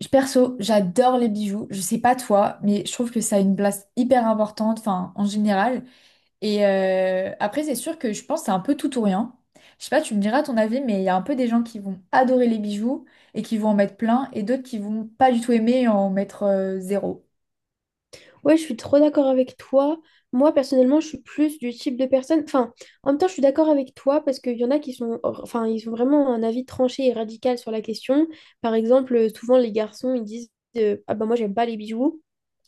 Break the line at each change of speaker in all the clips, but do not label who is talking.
Perso, j'adore les bijoux. Je sais pas toi, mais je trouve que ça a une place hyper importante, enfin, en général. Après, c'est sûr que je pense que c'est un peu tout ou rien. Je sais pas, tu me diras ton avis, mais il y a un peu des gens qui vont adorer les bijoux et qui vont en mettre plein, et d'autres qui vont pas du tout aimer et en mettre zéro.
Ouais, je suis trop d'accord avec toi. Moi, personnellement, je suis plus du type de personne. Enfin, en même temps, je suis d'accord avec toi parce qu'il y en a qui sont, enfin, ils ont vraiment un avis tranché et radical sur la question. Par exemple, souvent, les garçons, ils disent Ah ben, moi, j'aime pas les bijoux.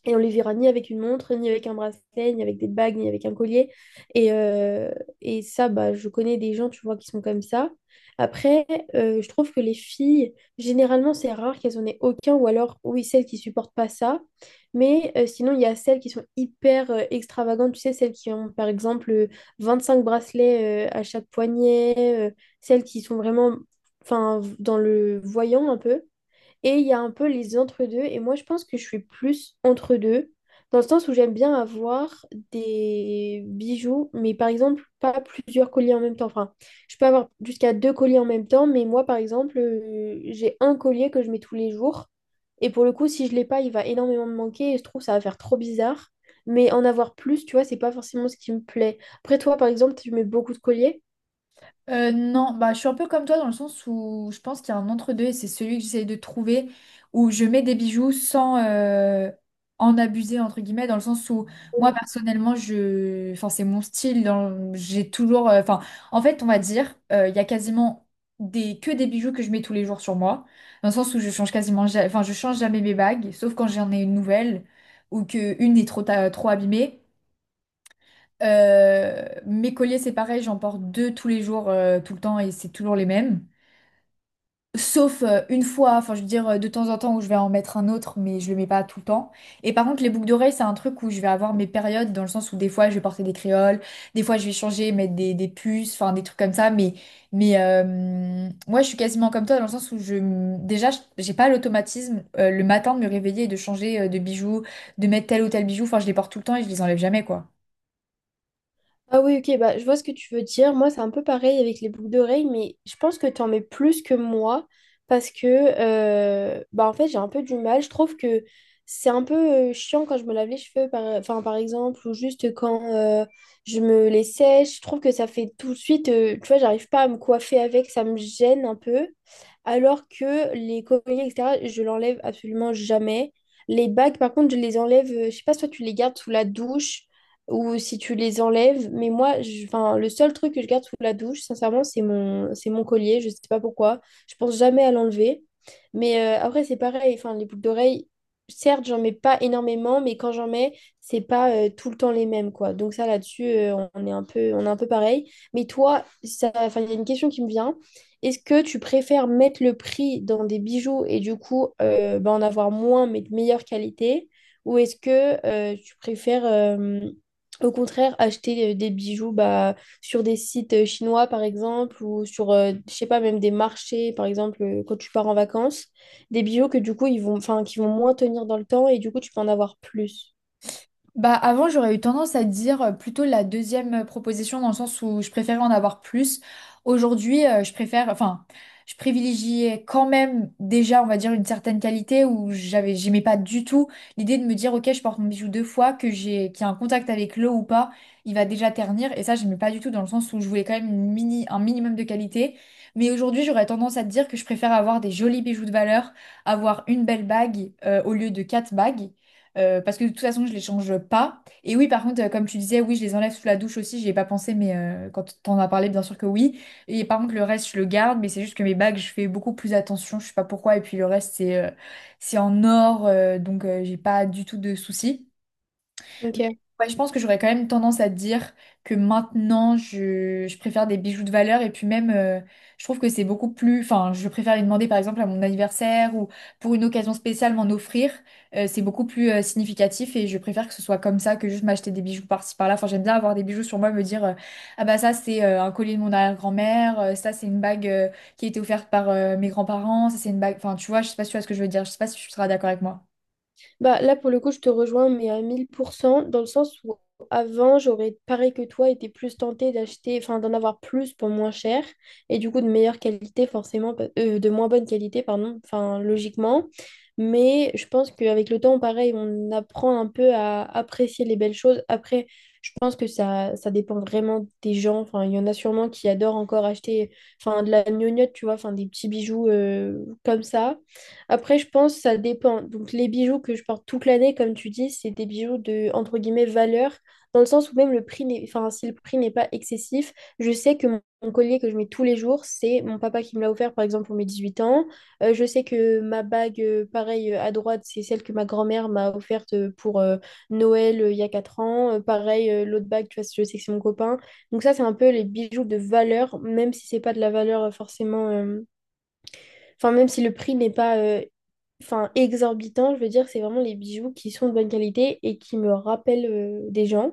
Et on les verra ni avec une montre, ni avec un bracelet, ni avec des bagues, ni avec un collier. Et, euh, et ça, bah, je connais des gens, tu vois, qui sont comme ça. Après, je trouve que les filles, généralement, c'est rare qu'elles en aient aucun, ou alors, oui, celles qui supportent pas ça. Mais sinon, il y a celles qui sont hyper extravagantes, tu sais, celles qui ont, par exemple, 25 bracelets à chaque poignet, celles qui sont vraiment, enfin, dans le voyant un peu. Et il y a un peu les entre-deux. Et moi, je pense que je suis plus entre-deux, dans le sens où j'aime bien avoir des bijoux, mais par exemple, pas plusieurs colliers en même temps. Enfin, je peux avoir jusqu'à deux colliers en même temps, mais moi, par exemple, j'ai un collier que je mets tous les jours. Et pour le coup, si je l'ai pas, il va énormément me manquer. Et je trouve que ça va faire trop bizarre. Mais en avoir plus, tu vois, c'est pas forcément ce qui me plaît. Après, toi, par exemple, tu mets beaucoup de colliers.
Non, bah, je suis un peu comme toi dans le sens où je pense qu'il y a un entre-deux et c'est celui que j'essaye de trouver où je mets des bijoux sans en abuser, entre guillemets, dans le sens où moi personnellement, je... enfin, c'est mon style, j'ai toujours... en fait, on va dire, il y a quasiment des... que des bijoux que je mets tous les jours sur moi, dans le sens où je change quasiment... Enfin, je change jamais mes bagues, sauf quand j'en ai une nouvelle ou que une est trop abîmée. Mes colliers, c'est pareil, j'en porte deux tous les jours, tout le temps, et c'est toujours les mêmes. Sauf une fois, enfin je veux dire de temps en temps où je vais en mettre un autre, mais je le mets pas tout le temps. Et par contre, les boucles d'oreilles, c'est un truc où je vais avoir mes périodes, dans le sens où des fois je vais porter des créoles, des fois je vais changer, mettre des puces, enfin des trucs comme ça. Mais moi, je suis quasiment comme toi, dans le sens où déjà, j'ai pas l'automatisme le matin de me réveiller et de changer de bijoux, de mettre tel ou tel bijou. Enfin, je les porte tout le temps et je les enlève jamais, quoi.
Ah oui, ok, bah, je vois ce que tu veux dire. Moi, c'est un peu pareil avec les boucles d'oreilles, mais je pense que tu en mets plus que moi parce que, bah, en fait, j'ai un peu du mal. Je trouve que c'est un peu chiant quand je me lave les cheveux, par, enfin, par exemple, ou juste quand je me les sèche. Je trouve que ça fait tout de suite, tu vois, j'arrive pas à me coiffer avec, ça me gêne un peu. Alors que les colliers, etc., je l'enlève absolument jamais. Les bagues, par contre, je les enlève, je sais pas, soit tu les gardes sous la douche ou si tu les enlèves. Mais moi, je- enfin, le seul truc que je garde sous la douche, sincèrement, c'est mon collier. Je sais pas pourquoi. Je pense jamais à l'enlever. Mais après, c'est pareil. Enfin, les boucles d'oreilles, certes, j'en mets pas énormément, mais quand j'en mets, c'est pas tout le temps les mêmes, quoi. Donc ça, là-dessus, on est un peu pareil. Mais toi, ça, enfin, il y a une question qui me vient. Est-ce que tu préfères mettre le prix dans des bijoux et du coup, ben, en avoir moins mais de meilleure qualité? Ou est-ce que tu préfères au contraire, acheter des bijoux bah, sur des sites chinois, par exemple, ou sur, je sais pas, même des marchés, par exemple, quand tu pars en vacances, des bijoux que du coup, ils vont, enfin, qui vont moins tenir dans le temps et du coup, tu peux en avoir plus.
Bah avant j'aurais eu tendance à dire plutôt la deuxième proposition dans le sens où je préférais en avoir plus. Aujourd'hui je préfère, enfin je privilégiais quand même déjà on va dire une certaine qualité où j'aimais pas du tout l'idée de me dire ok je porte mon bijou deux fois que j'ai qu'il y a un contact avec l'eau ou pas il va déjà ternir et ça j'aimais pas du tout dans le sens où je voulais quand même une un minimum de qualité. Mais aujourd'hui j'aurais tendance à te dire que je préfère avoir des jolis bijoux de valeur, avoir une belle bague au lieu de quatre bagues. Parce que de toute façon, je les change pas. Et oui, par contre, comme tu disais, oui, je les enlève sous la douche aussi. J'y ai pas pensé, mais quand t'en as parlé, bien sûr que oui. Et par contre, le reste, je le garde, mais c'est juste que mes bagues, je fais beaucoup plus attention. Je sais pas pourquoi. Et puis le reste, c'est en or, donc j'ai pas du tout de soucis.
Ok.
Ouais, je pense que j'aurais quand même tendance à te dire que maintenant, je préfère des bijoux de valeur et puis même, je trouve que c'est beaucoup plus... Enfin, je préfère les demander par exemple à mon anniversaire ou pour une occasion spéciale m'en offrir. C'est beaucoup plus significatif et je préfère que ce soit comme ça que juste m'acheter des bijoux par-ci par-là. Enfin, j'aime bien avoir des bijoux sur moi, me dire, ah bah ça c'est un collier de mon arrière-grand-mère, ça c'est une bague qui a été offerte par mes grands-parents, ça c'est une bague... Enfin, tu vois, je sais pas si tu vois ce que je veux dire, je sais pas si tu seras d'accord avec moi.
Bah, là, pour le coup, je te rejoins, mais à 1000 % dans le sens où avant, j'aurais, pareil que toi, été plus tentée d'acheter, enfin, d'en avoir plus pour moins cher, et du coup, de meilleure qualité, forcément, de moins bonne qualité, pardon, enfin, logiquement. Mais je pense qu'avec le temps, pareil, on apprend un peu à apprécier les belles choses. Après, pense que ça dépend vraiment des gens. Enfin, il y en a sûrement qui adorent encore acheter enfin, de la gnognotte, tu vois, enfin, des petits bijoux comme ça. Après, je pense que ça dépend. Donc, les bijoux que je porte toute l'année, comme tu dis, c'est des bijoux de, entre guillemets, valeur, dans le sens où même le prix n'est, enfin, si le prix n'est pas excessif, je sais que mon collier que je mets tous les jours, c'est mon papa qui me l'a offert, par exemple, pour mes 18 ans. Je sais que ma bague, pareil, à droite, c'est celle que ma grand-mère m'a offerte pour... Noël il y a 4 ans, pareil, l'autre bague, tu vois, si je sais que c'est mon copain. Donc ça, c'est un peu les bijoux de valeur, même si c'est pas de la valeur forcément. Enfin, même si le prix n'est pas enfin, exorbitant, je veux dire, c'est vraiment les bijoux qui sont de bonne qualité et qui me rappellent des gens.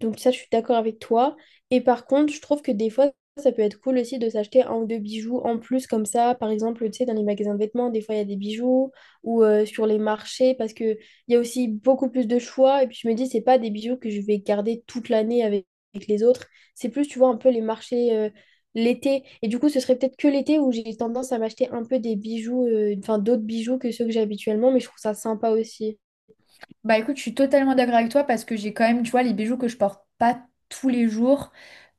Donc ça, je suis d'accord avec toi. Et par contre, je trouve que des fois, ça peut être cool aussi de s'acheter un ou deux bijoux en plus comme ça. Par exemple, tu sais, dans les magasins de vêtements, des fois, il y a des bijoux ou sur les marchés parce que il y a aussi beaucoup plus de choix. Et puis je me dis, c'est pas des bijoux que je vais garder toute l'année avec les autres. C'est plus, tu vois, un peu les marchés, l'été. Et du coup, ce serait peut-être que l'été où j'ai tendance à m'acheter un peu des bijoux, enfin d'autres bijoux que ceux que j'ai habituellement, mais je trouve ça sympa aussi.
Bah écoute, je suis totalement d'accord avec toi parce que j'ai quand même, tu vois, les bijoux que je porte pas tous les jours,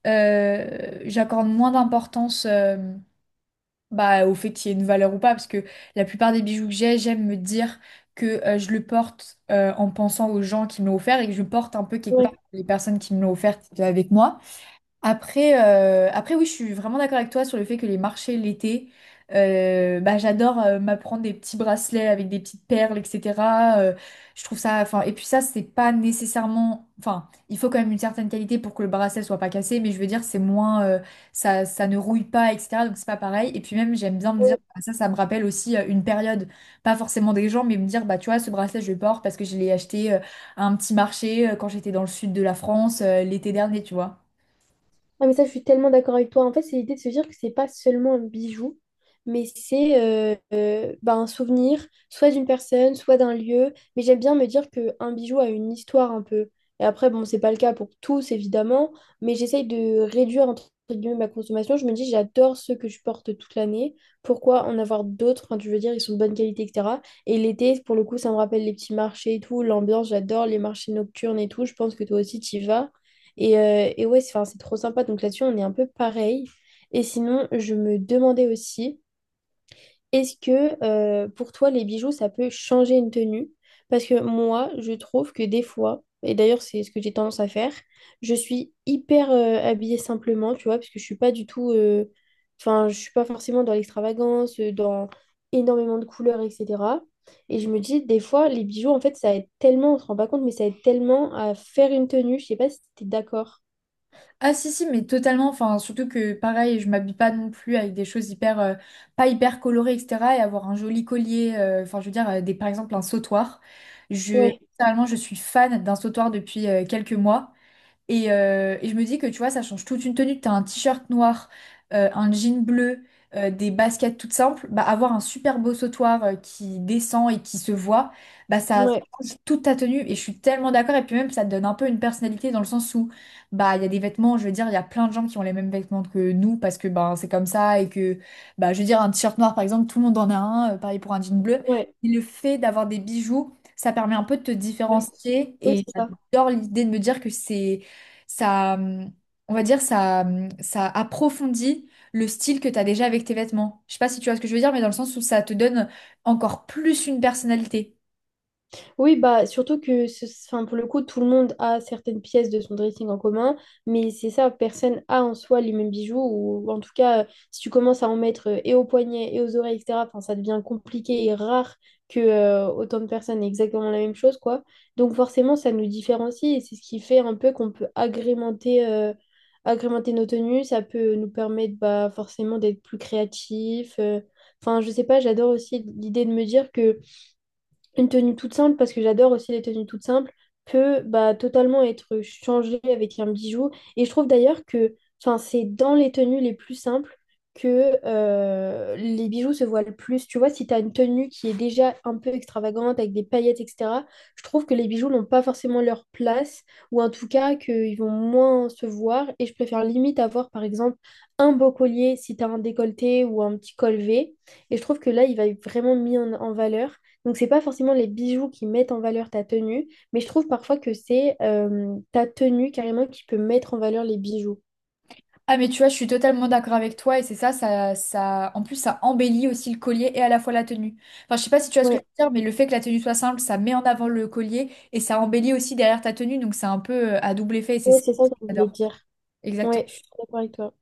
j'accorde moins d'importance bah, au fait qu'il y ait une valeur ou pas parce que la plupart des bijoux que j'ai, j'aime me dire que je le porte en pensant aux gens qui me l'ont offert et que je porte un peu quelque part
Ouais.
les personnes qui me l'ont offert qui étaient avec moi. Après, après oui, je suis vraiment d'accord avec toi sur le fait que les marchés l'été, bah, j'adore m'apprendre des petits bracelets avec des petites perles, etc. Euh, je trouve ça, enfin, et puis ça, c'est pas nécessairement, enfin, il faut quand même une certaine qualité pour que le bracelet soit pas cassé, mais je veux dire, c'est moins, ça, ça ne rouille pas, etc. Donc c'est pas pareil. Et puis même, j'aime bien me dire, ah, ça me rappelle aussi une période, pas forcément des gens, mais me dire, bah tu vois, ce bracelet, je le porte parce que je l'ai acheté à un petit marché quand j'étais dans le sud de la France l'été dernier, tu vois.
Ah mais ça, je suis tellement d'accord avec toi. En fait, c'est l'idée de se dire que c'est pas seulement un bijou, mais c'est bah, un souvenir, soit d'une personne, soit d'un lieu. Mais j'aime bien me dire qu'un bijou a une histoire un peu. Et après, bon, c'est pas le cas pour tous, évidemment, mais j'essaye de réduire, entre guillemets, ma consommation. Je me dis, j'adore ceux que je porte toute l'année. Pourquoi en avoir d'autres? Enfin, je veux dire, ils sont de bonne qualité, etc. Et l'été, pour le coup, ça me rappelle les petits marchés et tout, l'ambiance, j'adore les marchés nocturnes et tout. Je pense que toi aussi, tu y vas. Et ouais, c'est 'fin, c'est trop sympa. Donc là-dessus, on est un peu pareil. Et sinon, je me demandais aussi, est-ce que pour toi, les bijoux, ça peut changer une tenue? Parce que moi, je trouve que des fois, et d'ailleurs, c'est ce que j'ai tendance à faire, je suis hyper habillée simplement, tu vois, parce que je suis pas du tout. Enfin, je suis pas forcément dans l'extravagance, dans énormément de couleurs, etc. Et je me dis, des fois, les bijoux, en fait, ça aide tellement, on se rend pas compte, mais ça aide tellement à faire une tenue. Je sais pas si t'es d'accord.
Ah si si mais totalement enfin surtout que pareil je m'habille pas non plus avec des choses hyper pas hyper colorées etc et avoir un joli collier enfin je veux dire des par exemple un sautoir je littéralement je suis fan d'un sautoir depuis quelques mois et je me dis que tu vois, ça change toute une tenue. T'as un t-shirt noir, un jean bleu, des baskets toutes simples. Bah, avoir un super beau sautoir qui descend et qui se voit, bah, ça
Ouais,
change toute ta tenue. Et je suis tellement d'accord. Et puis même, ça te donne un peu une personnalité dans le sens où bah, il y a des vêtements, je veux dire, il y a plein de gens qui ont les mêmes vêtements que nous parce que bah, c'est comme ça. Et que, bah, je veux dire, un t-shirt noir, par exemple, tout le monde en a un. Pareil pour un jean bleu.
ouais,
Et le fait d'avoir des bijoux, ça permet un peu de te
ouais.
différencier.
Oui,
Et
c'est ça.
j'adore l'idée de me dire que c'est ça, euh, on va dire, ça approfondit le style que tu as déjà avec tes vêtements. Je sais pas si tu vois ce que je veux dire, mais dans le sens où ça te donne encore plus une personnalité.
Oui, bah, surtout que ce- enfin, pour le coup, tout le monde a certaines pièces de son dressing en commun, mais c'est ça, personne a en soi les mêmes bijoux, ou en tout cas, si tu commences à en mettre et aux poignets et aux oreilles, etc., enfin, ça devient compliqué et rare que autant de personnes aient exactement la même chose, quoi. Donc forcément, ça nous différencie et c'est ce qui fait un peu qu'on peut agrémenter nos tenues, ça peut nous permettre bah, forcément d'être plus créatifs. Enfin, je sais pas, j'adore aussi l'idée de me dire que une tenue toute simple, parce que j'adore aussi les tenues toutes simples, peut bah, totalement être changée avec un bijou. Et je trouve d'ailleurs que enfin, c'est dans les tenues les plus simples que les bijoux se voient le plus. Tu vois, si tu as une tenue qui est déjà un peu extravagante, avec des paillettes, etc., je trouve que les bijoux n'ont pas forcément leur place, ou en tout cas qu'ils vont moins se voir. Et je préfère limite avoir, par exemple, un beau collier si tu as un décolleté ou un petit col V. Et je trouve que là, il va être vraiment mis en valeur. Donc, c'est pas forcément les bijoux qui mettent en valeur ta tenue, mais je trouve parfois que c'est ta tenue carrément qui peut mettre en valeur les bijoux.
Ah mais tu vois, je suis totalement d'accord avec toi et c'est ça, en plus ça embellit aussi le collier et à la fois la tenue. Enfin, je sais pas si tu vois ce que je
Ouais,
veux dire, mais le fait que la tenue soit simple, ça met en avant le collier et ça embellit aussi derrière ta tenue, donc c'est un peu à double effet et c'est
ouais,
ça
c'est ça
que
que je voulais
j'adore.
dire. Ouais, je
Exactement.
suis d'accord avec toi.